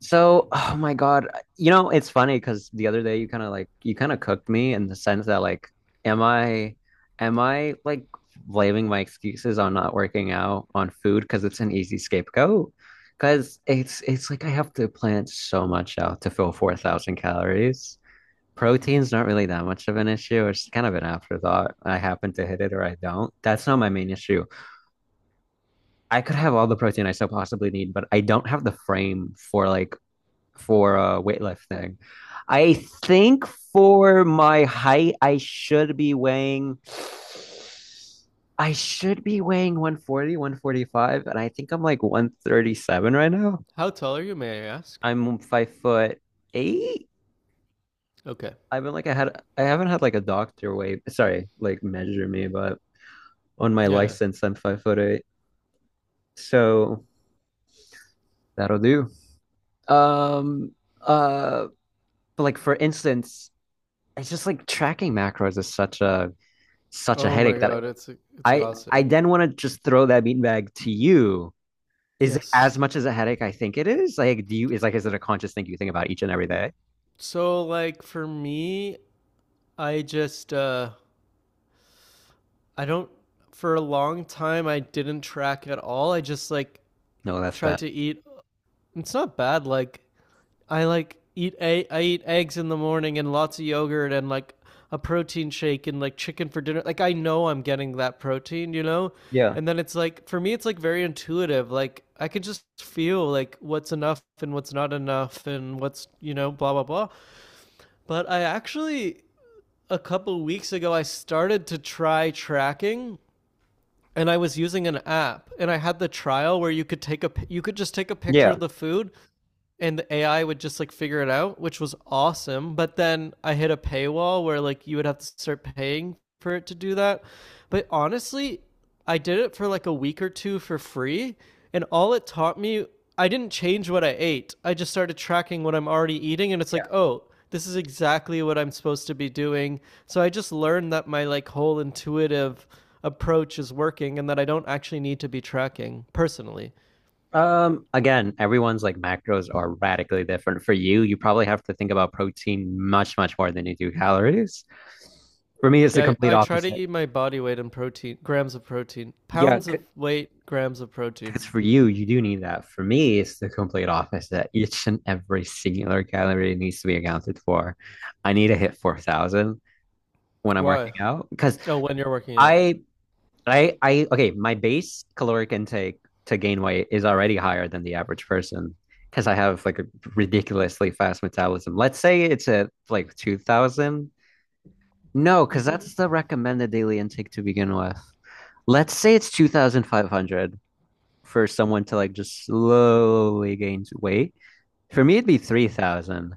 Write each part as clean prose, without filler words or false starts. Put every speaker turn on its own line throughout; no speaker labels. So, oh my God, it's funny because the other day you kind of cooked me in the sense that like, am I, am I like blaming my excuses on not working out on food because it's an easy scapegoat? Because it's like I have to plan so much out to fill 4,000 calories. Protein's not really that much of an issue. It's kind of an afterthought. I happen to hit it or I don't. That's not my main issue. I could have all the protein I so possibly need, but I don't have the frame for weightlifting. I think for my height, I should be weighing 140, 145, and I think I'm like 137 right now.
How tall are you, may I ask?
I'm 5 foot eight.
Okay.
I've been like I had I haven't had like a doctor weigh, sorry, like measure me, but on my
Yeah.
license I'm 5 foot eight. So that'll do. Um uh but like for instance, it's just like tracking macros is such a
Oh my
headache that
god, it's
I
exhausting.
then want to just throw that beanbag to you. Is it as
Yes.
much as a headache I think it is? Like, is it a conscious thing you think about each and every day?
So like for me, I just I don't for a long time I didn't track at all. I just like
No, that's
tried
bad.
to eat. It's not bad. Like, I eat eggs in the morning and lots of yogurt and like a protein shake and like chicken for dinner. Like, I know I'm getting that protein, you know?
Yeah.
And then it's like for me it's like very intuitive. Like, I could just feel like what's enough and what's not enough and what's, blah blah blah. But I actually, a couple weeks ago, I started to try tracking, and I was using an app, and I had the trial where you could just take a picture
Yeah.
of the food, and the AI would just like figure it out, which was awesome. But then I hit a paywall where like you would have to start paying for it to do that. But honestly, I did it for like a week or two for free, and all it taught me, I didn't change what I ate. I just started tracking what I'm already eating, and it's
Yeah.
like, oh, this is exactly what I'm supposed to be doing. So I just learned that my like whole intuitive approach is working, and that I don't actually need to be tracking personally.
Again, everyone's like macros are radically different. For you, you probably have to think about protein much, much more than you do calories. For me, it's the
Yeah, I,
complete
I try to
opposite.
eat my body weight in protein, grams of protein,
Yeah.
pounds of weight, grams of
Because
protein.
for you, you do need that. For me, it's the complete opposite. Each and every singular calorie needs to be accounted for. I need to hit 4,000 when I'm
Why?
working out because
Oh, when you're working out.
I, okay, my base caloric intake to gain weight is already higher than the average person because I have like a ridiculously fast metabolism. Let's say it's at like 2,000. No, because
Mm-hmm.
that's the recommended daily intake to begin with. Let's say it's 2,500 for someone to like just slowly gain weight. For me, it'd be 3,000.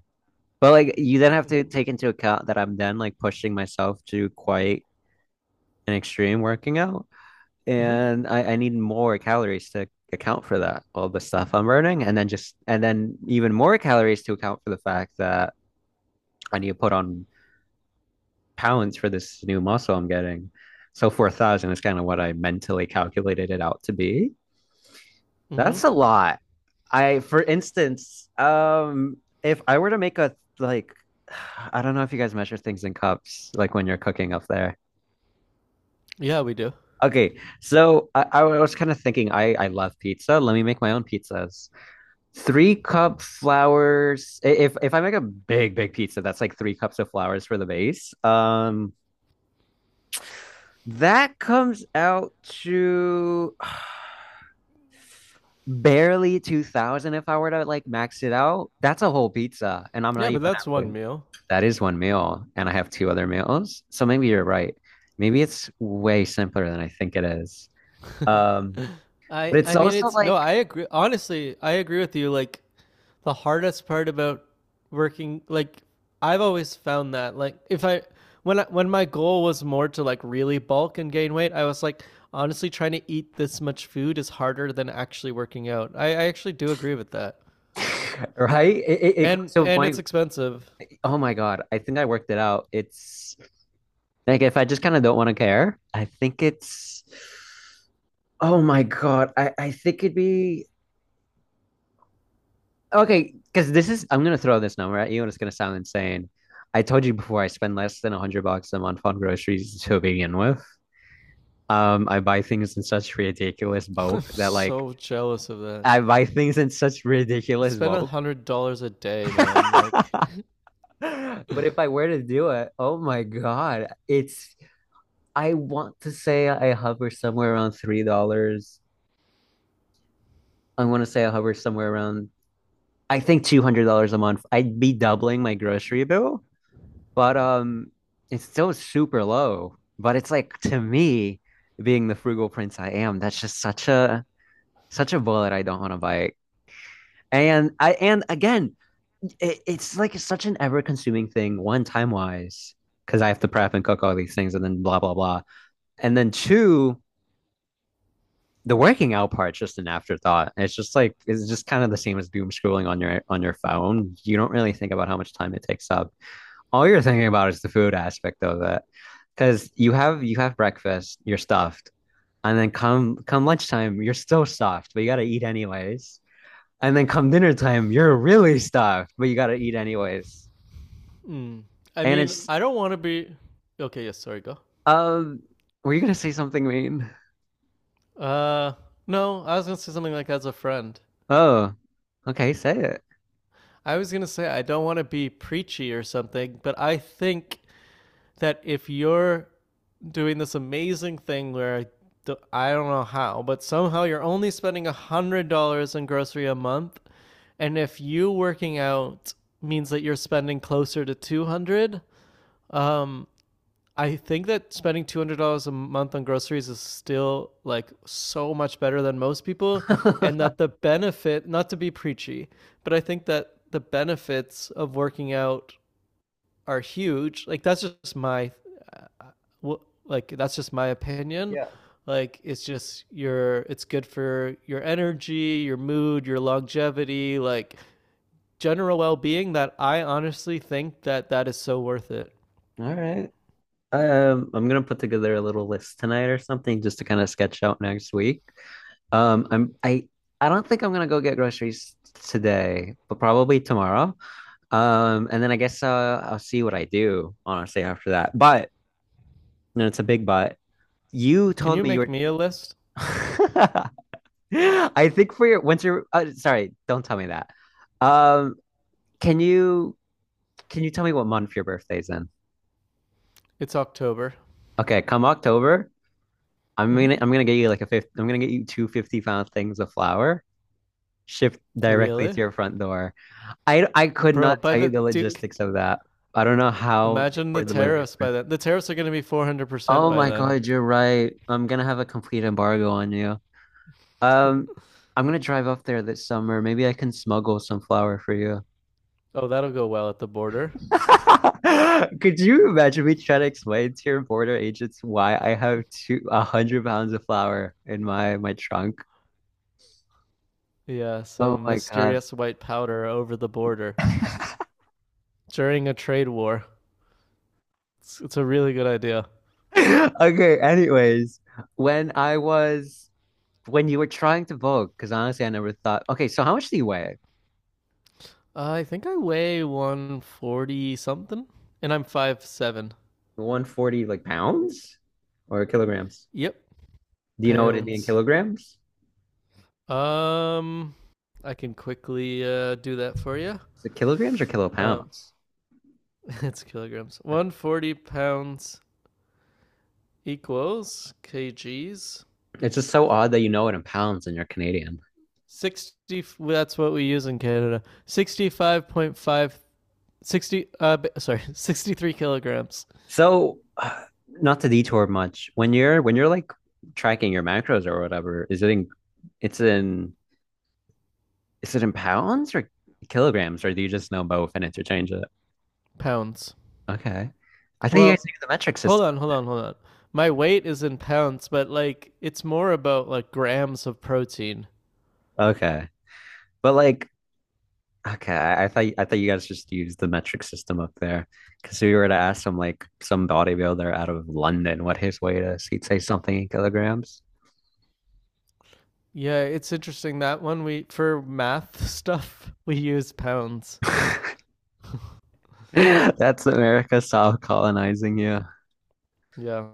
But like you then have to
Mm-hmm.
take into account that I'm then like pushing myself to quite an extreme working out.
Mm-hmm.
And I need more calories to account for that, all the stuff I'm burning. And then just, and then even more calories to account for the fact that I need to put on pounds for this new muscle I'm getting. So 4,000 is kind of what I mentally calculated it out to be.
Mm-hmm.
That's a lot. I, for instance, if I were to make a like, I don't know if you guys measure things in cups, like when you're cooking up there.
Yeah, we do.
Okay, so I was kind of thinking, I love pizza. Let me make my own pizzas. Three cup flours. If I make a big pizza, that's like 3 cups of flours for the base. That comes out to barely 2,000. If I were to like max it out, that's a whole pizza, and I'm not
Yeah, but
even
that's one
halfway.
meal.
That is one meal, and I have two other meals. So maybe you're right. Maybe it's way simpler than I think it is. Um,
I
but it's
I mean
also
it's, no,
like,
I agree, honestly I agree with you. Like, the hardest part about working, like, I've always found that, like, if I when I, when my goal was more to like really bulk and gain weight, I was like honestly trying to eat this much food is harder than actually working out. I actually do agree with that.
right? It comes
And
to a
and it's
point.
expensive.
Oh my God, I think I worked it out. It's like if I just kind of don't want to care, I think it's, oh my God, I think it'd be okay. Because this is, I'm going to throw this number at you and it's going to sound insane. I told you before I spend less than 100 bucks a month on groceries to begin with. I buy things in such ridiculous
I'm
bulk that like
so jealous of that.
I buy things in such
I
ridiculous
spend a
bulk.
hundred dollars a day, man. Like,
But if I were to do it, oh my God, it's I want to say I hover somewhere around $3. I want to say I hover somewhere around I think $200 a month. I'd be doubling my grocery bill, but it's still super low. But it's like to me, being the frugal prince I am, that's just such a bullet I don't want to bite. And again, it's like it's such an ever-consuming thing. One, time-wise, because I have to prep and cook all these things, and then blah blah blah. And then two, the working out part's just an afterthought. It's just like it's just kind of the same as doom scrolling on your phone. You don't really think about how much time it takes up. All you're thinking about is the food aspect of it, because you have breakfast, you're stuffed, and then come lunchtime, you're still stuffed, but you got to eat anyways. And then come dinner time, you're really stuffed, but you gotta eat anyways.
mm. I
And
mean,
it's
I don't want to be. Okay, yes, sorry, go.
um, were you gonna say something mean?
Uh, no, I was gonna say something like as a friend.
Oh, okay, say it.
I was gonna say I don't want to be preachy or something, but I think that if you're doing this amazing thing where I don't know how, but somehow you're only spending $100 on grocery a month, and if you working out means that you're spending closer to 200, um, I think that spending $200 a month on groceries is still like so much better than most people, and that the benefit, not to be preachy, but I think that the benefits of working out are huge. Uh, like that's just my opinion.
Yeah.
Like it's good for your energy, your mood, your longevity, like general well-being. That I honestly think that that is so worth it.
All right. I'm gonna put together a little list tonight or something just to kind of sketch out next week. Um, I'm I I don't think I'm gonna go get groceries today, but probably tomorrow. And then I guess I'll see what I do honestly after that. But no, it's a big but. You
Can
told
you
me you
make
were.
me a list?
I think for your winter, sorry, don't tell me that. Um, can you can you tell me what month your birthday's in?
It's October.
Okay, come October,
Hmm.
I'm gonna get you like a fifth. I'm gonna get you two 50-pound things of flour shipped directly to
Really?
your front door. I could
Bro,
not
by
tell you
the
the
Duke,
logistics of that. I don't know how your
imagine the
poor delivery
tariffs by
person.
then. The tariffs are going to be 400%
Oh
by
my
then.
God, you're right. I'm gonna have a complete embargo on you. Um, I'm gonna drive up there this summer. Maybe I can smuggle some flour for you.
Oh, that'll go well at the border.
Could you imagine me trying to explain to your border agents why I have two 100 pounds of flour in my trunk?
Yeah,
Oh
some
my God.
mysterious white powder over the border during a trade war. It's a really good idea.
Okay, anyways, when I was when you were trying to vote, because honestly I never thought okay, so how much do you weigh?
I think I weigh 140 something, and I'm 5'7".
140 like pounds or kilograms?
Yep,
Do you know what it'd be in
pounds.
kilograms?
Um, I can quickly do that for you.
Is it kilograms or
Um,
kilopounds?
it's kilograms. 140 pounds equals kgs,
It's just so odd that you know it in pounds and you're Canadian.
60. Well, that's what we use in Canada. 65.5, 60. Sorry, 63 kilograms.
So, not to detour much, when you're like tracking your macros or whatever, it's in is it in pounds or kilograms or do you just know both and interchange it?
Pounds.
Okay. I thought you
Well,
guys use the metric
hold
system.
on, hold on, hold on. My weight is in pounds, but like it's more about like grams of protein.
Okay. But like okay, I thought you guys just use the metric system up there. Cause if we were to ask some like some bodybuilder out of London what his weight is, he'd say something in kilograms.
Yeah, it's interesting that one, we for math stuff, we use pounds.
That's America soft colonizing you.
Yeah,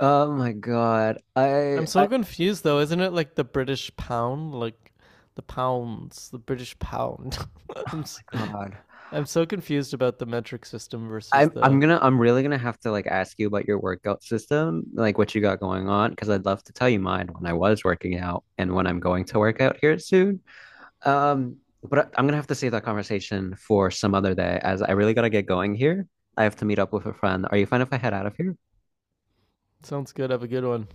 Oh my God. I,
I'm
I,
so
oh
confused though. Isn't it like the British pound? Like, the British pound. I'm
my
s-
God.
I'm so confused about the metric system versus the.
I'm really gonna have to like ask you about your workout system, like what you got going on, because I'd love to tell you mine when I was working out and when I'm going to work out here soon. Um, but I'm gonna have to save that conversation for some other day, as I really gotta get going here. I have to meet up with a friend. Are you fine if I head out of here?
Sounds good. Have a good one.